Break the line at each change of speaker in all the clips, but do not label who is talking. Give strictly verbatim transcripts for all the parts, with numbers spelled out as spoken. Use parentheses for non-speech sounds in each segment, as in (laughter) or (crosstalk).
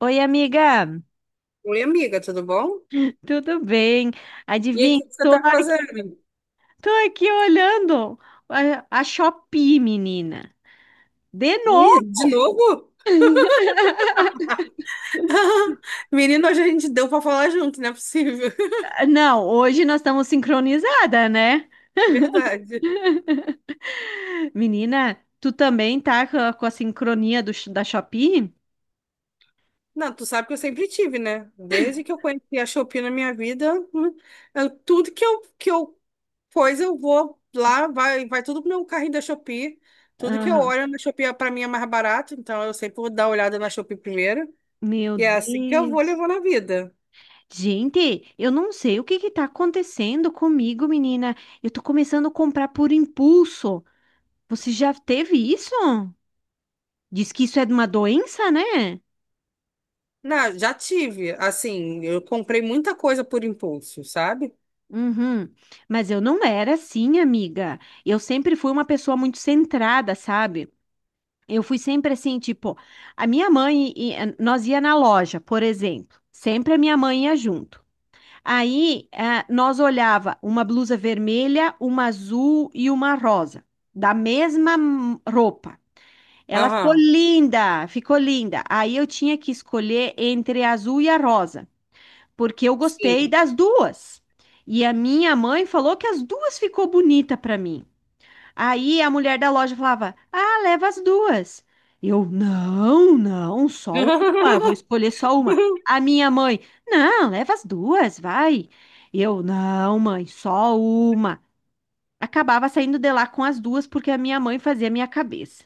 Oi, amiga,
Oi, amiga, tudo bom?
tudo bem?
E aí, o
Adivinha,
que que você
tô
tá
aqui,
fazendo?
tô aqui olhando a, a Shopee, menina. De
Ih,
novo?
de novo?
(laughs)
(laughs) Menino, hoje a gente deu pra falar junto, não é possível. (laughs)
Não, hoje nós estamos sincronizada, né?
Verdade.
Menina, tu também tá com a, com a sincronia do sh- da Shopee?
Não, tu sabe que eu sempre tive, né? Desde que eu conheci a Shopee na minha vida, hum, eu- tudo que eu, que eu coisa, eu vou lá, vai, vai tudo pro meu carrinho da Shopee. Tudo que eu
Aham.
olho na Shopee, é, pra mim, é mais barato, então eu sempre vou dar uma olhada na Shopee primeiro.
Meu
E é assim que eu vou
Deus.
levando a vida.
Gente, eu não sei o que que tá acontecendo comigo, menina. Eu tô começando a comprar por impulso. Você já teve isso? Diz que isso é uma doença, né?
Não, já tive, assim, eu comprei muita coisa por impulso, sabe?
Uhum. Mas eu não era assim, amiga. Eu sempre fui uma pessoa muito centrada, sabe? Eu fui sempre assim, tipo, a minha mãe, e- e- nós ia na loja, por exemplo. Sempre a minha mãe ia junto. Aí, ah, nós olhava uma blusa vermelha, uma azul e uma rosa, da mesma hum, roupa. Ela ficou
Aham,
linda, ficou linda. Aí eu tinha que escolher entre a azul e a rosa porque eu gostei
sim.
das duas. E a minha mãe falou que as duas ficou bonita para mim. Aí a mulher da loja falava: "Ah, leva as duas". Eu: "Não, não, só uma, eu vou escolher
(laughs)
só uma". A minha mãe: "Não, leva as duas, vai". Eu: "Não, mãe, só uma". Acabava saindo de lá com as duas porque a minha mãe fazia a minha cabeça.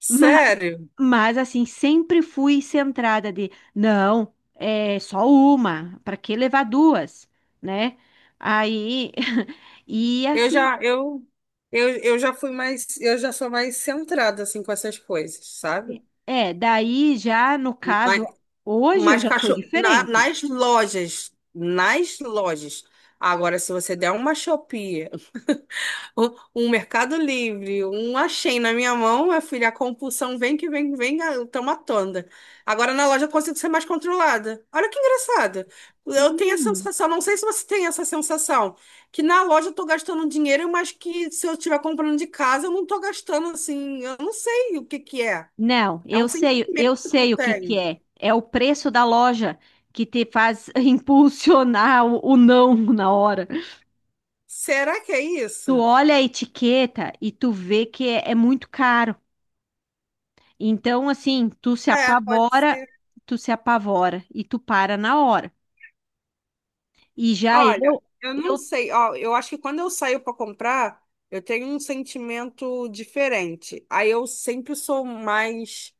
Sério,
Mas assim, sempre fui centrada de, não, é só uma, para que levar duas, né? Aí, (laughs) e
eu
assim, ó,
já, eu, eu, eu já fui mais, eu já sou mais centrada, assim, com essas coisas, sabe?
é, daí já no
Mas,
caso, hoje eu
mas
já tô
cachorro, na-
diferente.
nas lojas, nas lojas. Agora, se você der uma Shopee Um, um Mercado Livre, um Shein na minha mão, minha filha, a compulsão vem que vem, vem, ah, eu tô matando. Agora na loja eu consigo ser mais controlada. Olha que engraçado. Eu tenho a
Hum,
sensação, não sei se você tem essa sensação, que na loja eu tô gastando dinheiro, mas que se eu estiver comprando de casa, eu não tô gastando assim, eu não sei o que que é.
não,
É um
eu
sentido
sei, eu
que eu
sei o que que
tenho.
é. É o preço da loja que te faz (laughs) impulsionar o, o não na hora.
Será que é
Tu
isso?
olha a etiqueta e tu vê que é é muito caro. Então, assim, tu se
É, pode
apavora,
ser.
tu se apavora e tu para na hora. E já
Olha,
eu,
eu não
eu
sei, ó, eu acho que quando eu saio para comprar, eu tenho um sentimento diferente. Aí eu sempre sou mais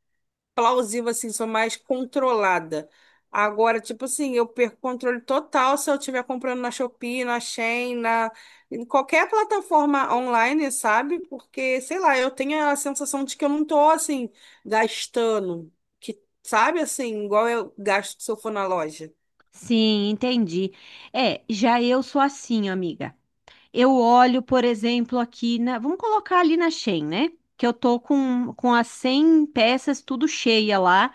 plausível, assim, sou mais controlada. Agora, tipo assim, eu perco o controle total se eu estiver comprando na Shopee, na Shein, na em qualquer plataforma online, sabe? Porque, sei lá, eu tenho a sensação de que eu não tô assim gastando, que sabe assim, igual eu gasto se eu for na loja.
sim, entendi. É, já eu sou assim, amiga. Eu olho, por exemplo, aqui na, vamos colocar ali na Shein, né? Que eu tô com, com as cem peças tudo cheia lá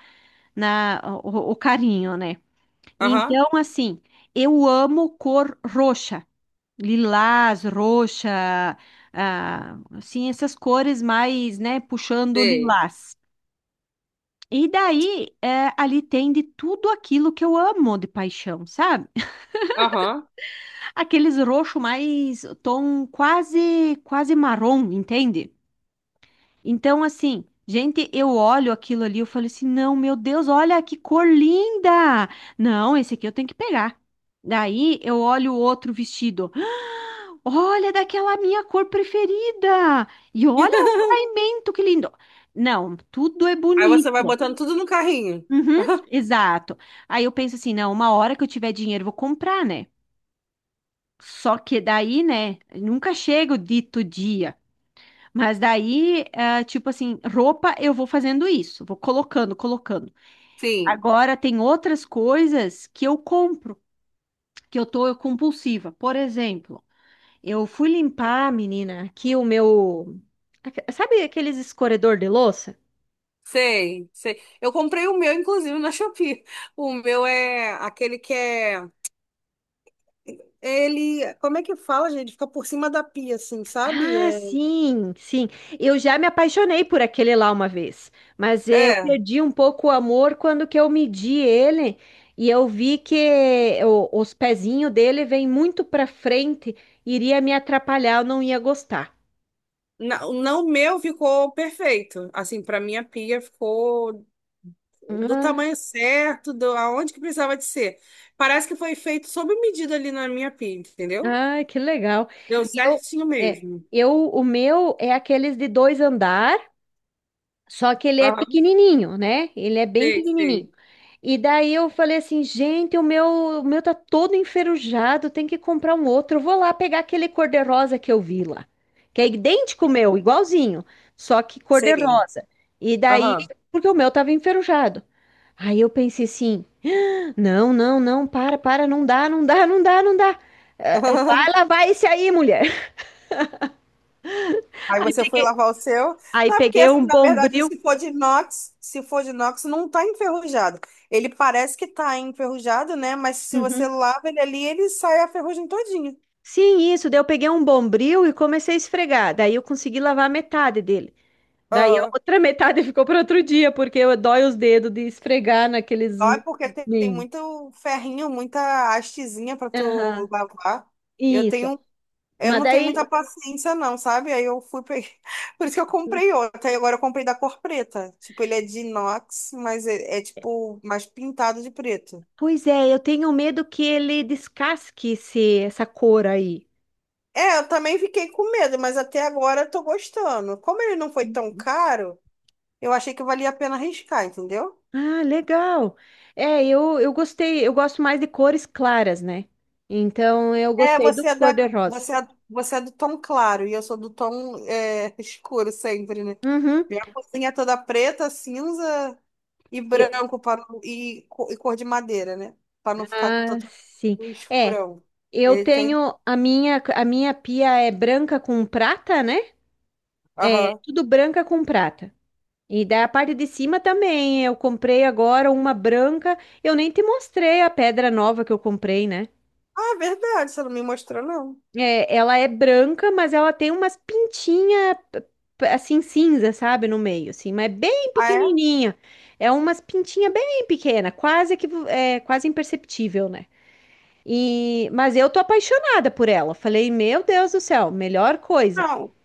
na o, o carinho, né?
Aham.
Então, assim, eu amo cor roxa. Lilás, roxa, ah, assim, essas cores mais, né, puxando o
Sei.
lilás. E daí, é, ali tem de tudo aquilo que eu amo de paixão, sabe?
Aham.
Aqueles roxo mais tom quase, quase marrom, entende? Então, assim, gente, eu olho aquilo ali, eu falo assim, não, meu Deus, olha que cor linda! Não, esse aqui eu tenho que pegar. Daí eu olho o outro vestido. "Ah, olha daquela minha cor preferida! E olha o caimento, que lindo! Não, tudo é
Aí você vai
bonito.
botando tudo no carrinho.
Uhum,
(laughs)
exato. Aí eu penso assim, não, uma hora que eu tiver dinheiro, eu vou comprar, né? Só que daí, né, nunca chega o dito dia. Mas daí, ah, tipo assim, roupa eu vou fazendo isso, vou colocando, colocando.
Sim,
Agora tem outras coisas que eu compro, que eu tô compulsiva. Por exemplo, eu fui limpar, menina, aqui o meu, aque- sabe aqueles escorredor de louça?
sei, sei. Eu comprei o meu, inclusive, na Shopee. O meu é aquele que é. Ele. Como é que fala, gente? Fica por cima da pia, assim, sabe?
Ah,
É.
sim, sim. Eu já me apaixonei por aquele lá uma vez, mas eu
É,
perdi um pouco o amor quando que eu medi ele e eu vi que o- os pezinhos dele vêm muito para frente, iria me atrapalhar, eu não ia gostar.
não, não, o meu ficou perfeito. Assim, para mim a pia ficou do
Ah,
tamanho certo, do aonde que precisava de ser. Parece que foi feito sob medida ali na minha pia, entendeu?
ah, que legal.
Deu
E eu,
certinho
é,
mesmo.
eu, o meu é aqueles de dois andares. Só que ele é
Aham,
pequenininho, né? Ele é bem
sei,
pequenininho.
sei.
E daí eu falei assim, gente, o meu, o meu tá todo enferrujado, tem que comprar um outro. Eu vou lá pegar aquele cor-de-rosa que eu vi lá, que é idêntico ao meu, igualzinho, só que
Sei.
cor-de-rosa. E daí,
Aham.
porque o meu tava enferrujado. Aí eu pensei assim, não, não, não, para, para, não dá, não dá, não dá, não dá. Eh, eh,
(laughs)
Vai lavar esse aí, mulher.
Aí você foi lavar o seu.
Aí
Não, é porque
peguei um
assim, na verdade,
bombril.
se for de inox, se for de inox, não está enferrujado. Ele parece que está enferrujado, né? Mas se você
Uhum.
lava ele ali, ele sai a ferrugem todinha.
Sim, isso. Daí eu peguei um bombril e comecei a esfregar. Daí eu consegui lavar metade dele. Daí a
Aham.
outra metade (laughs) ficou para outro dia, porque eu dói os dedos de esfregar naqueles
Ó, é porque tem, tem
mini.
muito ferrinho, muita hastezinha para
Aham,
tu lavar. Eu
isso.
tenho, eu
Mas
não tenho muita
daí,
paciência, não, sabe? Aí eu fui peguei. (laughs) Por isso que eu comprei outro. Aí agora eu comprei da cor preta. Tipo, ele é de inox, mas é é, tipo mais pintado de preto.
pois é, eu tenho medo que ele descasque esse, essa cor aí.
É, eu também fiquei com medo, mas até agora eu tô gostando. Como ele não foi tão caro, eu achei que valia a pena arriscar, entendeu?
Ah, legal. É, eu, eu gostei, eu gosto mais de cores claras, né? Então eu
É,
gostei do
você é da,
cor-de-rosa.
você é, você é do tom claro e eu sou do tom é, (laughs) escuro sempre, né?
Uhum.
Minha cozinha é toda preta, cinza e
Eu-
branco para, não- e, co- e cor de madeira, né? Para não ficar
ah,
todo
sim. É.
escurão.
Eu
Ele tem.
tenho a minha a minha pia é branca com prata, né? É
Aham.
tudo branca com prata. E daí a parte de cima também. Eu comprei agora uma branca. Eu nem te mostrei a pedra nova que eu comprei, né?
Ah, é verdade, você não me mostrou, não.
É, ela é branca, mas ela tem umas pintinhas assim cinza, sabe, no meio, assim, mas bem
Ah, é?
pequenininha. É umas pintinhas bem pequena, quase que é quase imperceptível, né? E, mas eu tô apaixonada por ela. Falei, meu Deus do céu, melhor coisa.
Não.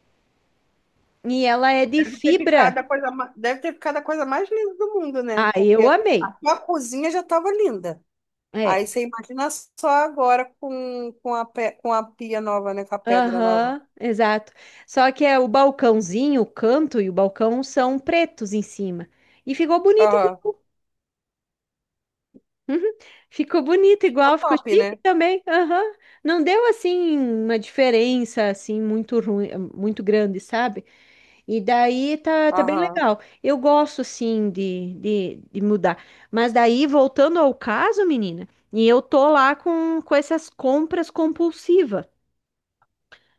E ela é de
Deve ter ficado
fibra.
a coisa, ma- deve ter ficado a coisa mais linda do mundo, né?
Ah, eu
Porque a
amei.
tua cozinha já estava linda. Aí
É,
você imagina só agora com, com a, pe- com a pia nova, né? Com a pedra nova.
aham, exato. Só que é o balcãozinho, o canto e o balcão são pretos em cima. E ficou bonito.
Aham.
Igual. Uhum. Ficou bonito
Ficou
igual, ficou
top,
chique
né?
também. Aham. Não deu assim uma diferença assim muito ruim, muito grande, sabe? E daí tá, tá bem
Aham.
legal. Eu gosto, sim, de, de, de mudar. Mas daí, voltando ao caso, menina, e eu tô lá com, com essas compras compulsivas.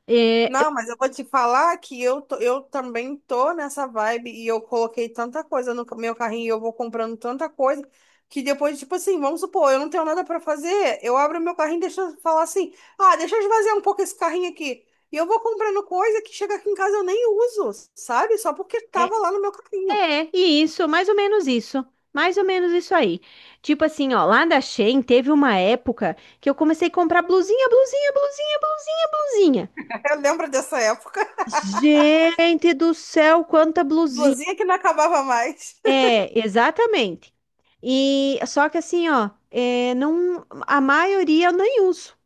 É,
Não, mas eu vou te falar que eu, tô- eu também tô nessa vibe e eu coloquei tanta coisa no meu carrinho e eu vou comprando tanta coisa que depois, tipo assim, vamos supor, eu não tenho nada pra fazer, eu abro meu carrinho e deixo eu falar assim, ah, deixa eu esvaziar um pouco esse carrinho aqui. E eu vou comprando coisa que chega aqui em casa eu nem uso, sabe? Só porque
é,
tava lá no meu carrinho.
é, isso, mais ou menos isso. Mais ou menos isso aí. Tipo assim, ó, lá da Shein teve uma época que eu comecei a comprar blusinha, blusinha, blusinha, blusinha, blusinha.
(laughs) Eu lembro dessa época.
Gente do céu, quanta blusinha!
Blusinha que não acabava mais. (laughs)
É, exatamente. E só que assim, ó, é, não, a maioria eu nem uso.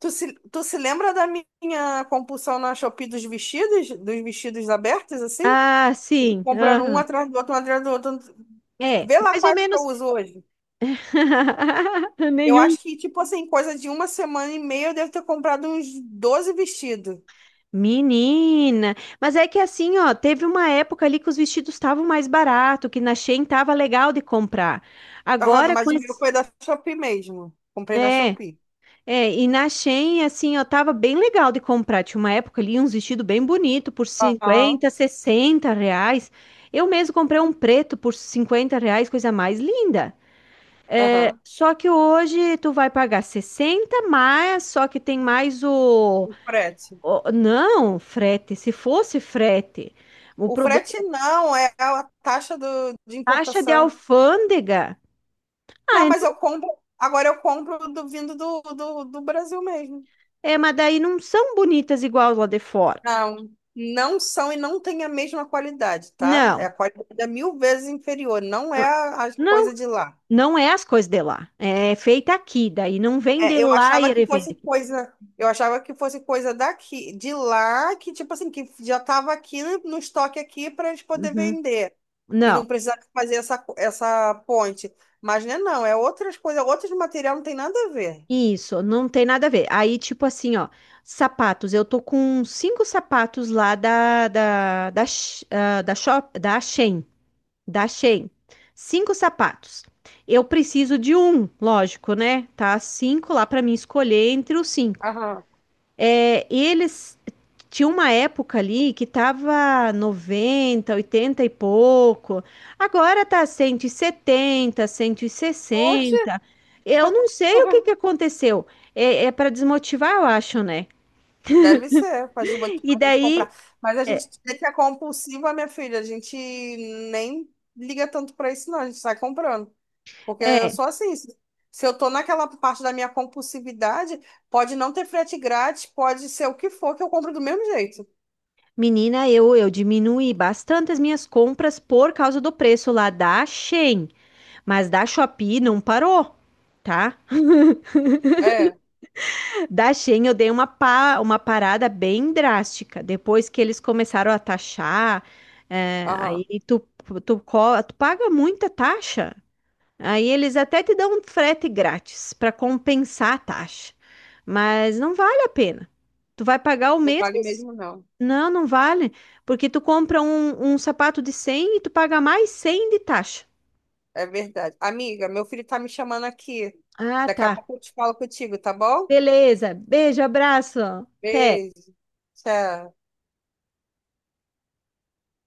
Tu se, tu se lembra da minha compulsão na Shopee dos vestidos, dos vestidos abertos, assim?
Ah, sim.
Comprando um
Aham.
atrás do outro, um atrás do outro.
É,
Vê lá
mais ou
quais que eu
menos.
uso hoje.
(laughs)
Eu
Nenhum.
acho que, tipo assim, coisa de uma semana e meia eu devo ter comprado uns doze vestidos.
Menina, mas é que assim, ó, teve uma época ali que os vestidos estavam mais barato, que na Shein tava legal de comprar.
Aham,
Agora
mas
com
o meu
esse,
foi da Shopee mesmo. Comprei na
é,
Shopee.
é, e na Shein, assim, ó, tava bem legal de comprar. Tinha uma época ali, uns vestidos bem bonito por
Aham,
cinquenta, sessenta reais. Eu mesmo comprei um preto por cinquenta reais, coisa mais linda. É,
aham.
só que hoje tu vai pagar sessenta mas só que tem mais o,
O frete.
o- não, frete, se fosse frete. O
O
problema
frete não, é a taxa do, de
é taxa de
importação.
alfândega. Ah,
Não,
é,
mas eu compro. Agora eu compro do vindo do, do, do Brasil mesmo.
é, mas daí não são bonitas igual lá de fora.
Não, não são e não têm a mesma qualidade, tá? É
Não.
a qualidade é mil vezes inferior, não é
Ah,
a, a coisa
não.
de lá.
Não é as coisas de lá, é feita aqui, daí não vem de
É, eu
lá e
achava que
ele vende
fosse
aqui.
coisa, eu achava que fosse coisa daqui, de lá, que tipo assim, que já estava aqui no estoque aqui para eles poder
Uhum.
vender e não
Não,
precisar fazer essa, co- essa ponte. Mas né, não, é outras coisas, outros material não tem nada a ver.
isso, não tem nada a ver. Aí, tipo assim, ó, sapatos, eu tô com cinco sapatos lá da, da, da, Sh- ah, da, shop, da Shein, da Shein, cinco sapatos. Eu preciso de um, lógico, né? Tá cinco lá pra mim escolher entre os cinco.
Aham.
É, e eles tinha uma época ali que tava noventa, oitenta e pouco. Agora tá cento e setenta,
Oxe.
cento e sessenta. Eu não sei o que
(laughs)
que aconteceu. É, é para desmotivar, eu acho, né?
Deve ser, pode
E
motivar a gente a
daí,
comprar. Mas a
é,
gente vê que é compulsiva, minha filha. A gente nem liga tanto pra isso, não. A gente sai comprando. Porque eu
é,
sou assim. Se se eu tô naquela parte da minha compulsividade, pode não ter frete grátis, pode ser o que for, que eu compro do mesmo jeito.
menina, eu eu diminuí bastante as minhas compras por causa do preço lá da Shein, mas da Shopee não parou, tá?
É,
Da Shein eu dei uma, pa- uma parada bem drástica. Depois que eles começaram a taxar, é,
aham.
aí tu, tu, co- tu paga muita taxa. Aí eles até te dão um frete grátis para compensar a taxa. Mas não vale a pena. Tu vai pagar o
Não
mesmo?
vale mesmo, não.
Não, não vale. Porque tu compra um, um sapato de cem e tu paga mais cem de taxa.
É verdade. Amiga, meu filho tá me chamando aqui.
Ah,
Daqui
tá.
a pouco eu te falo contigo, tá bom?
Beleza. Beijo, abraço. Até.
Beijo. Tchau.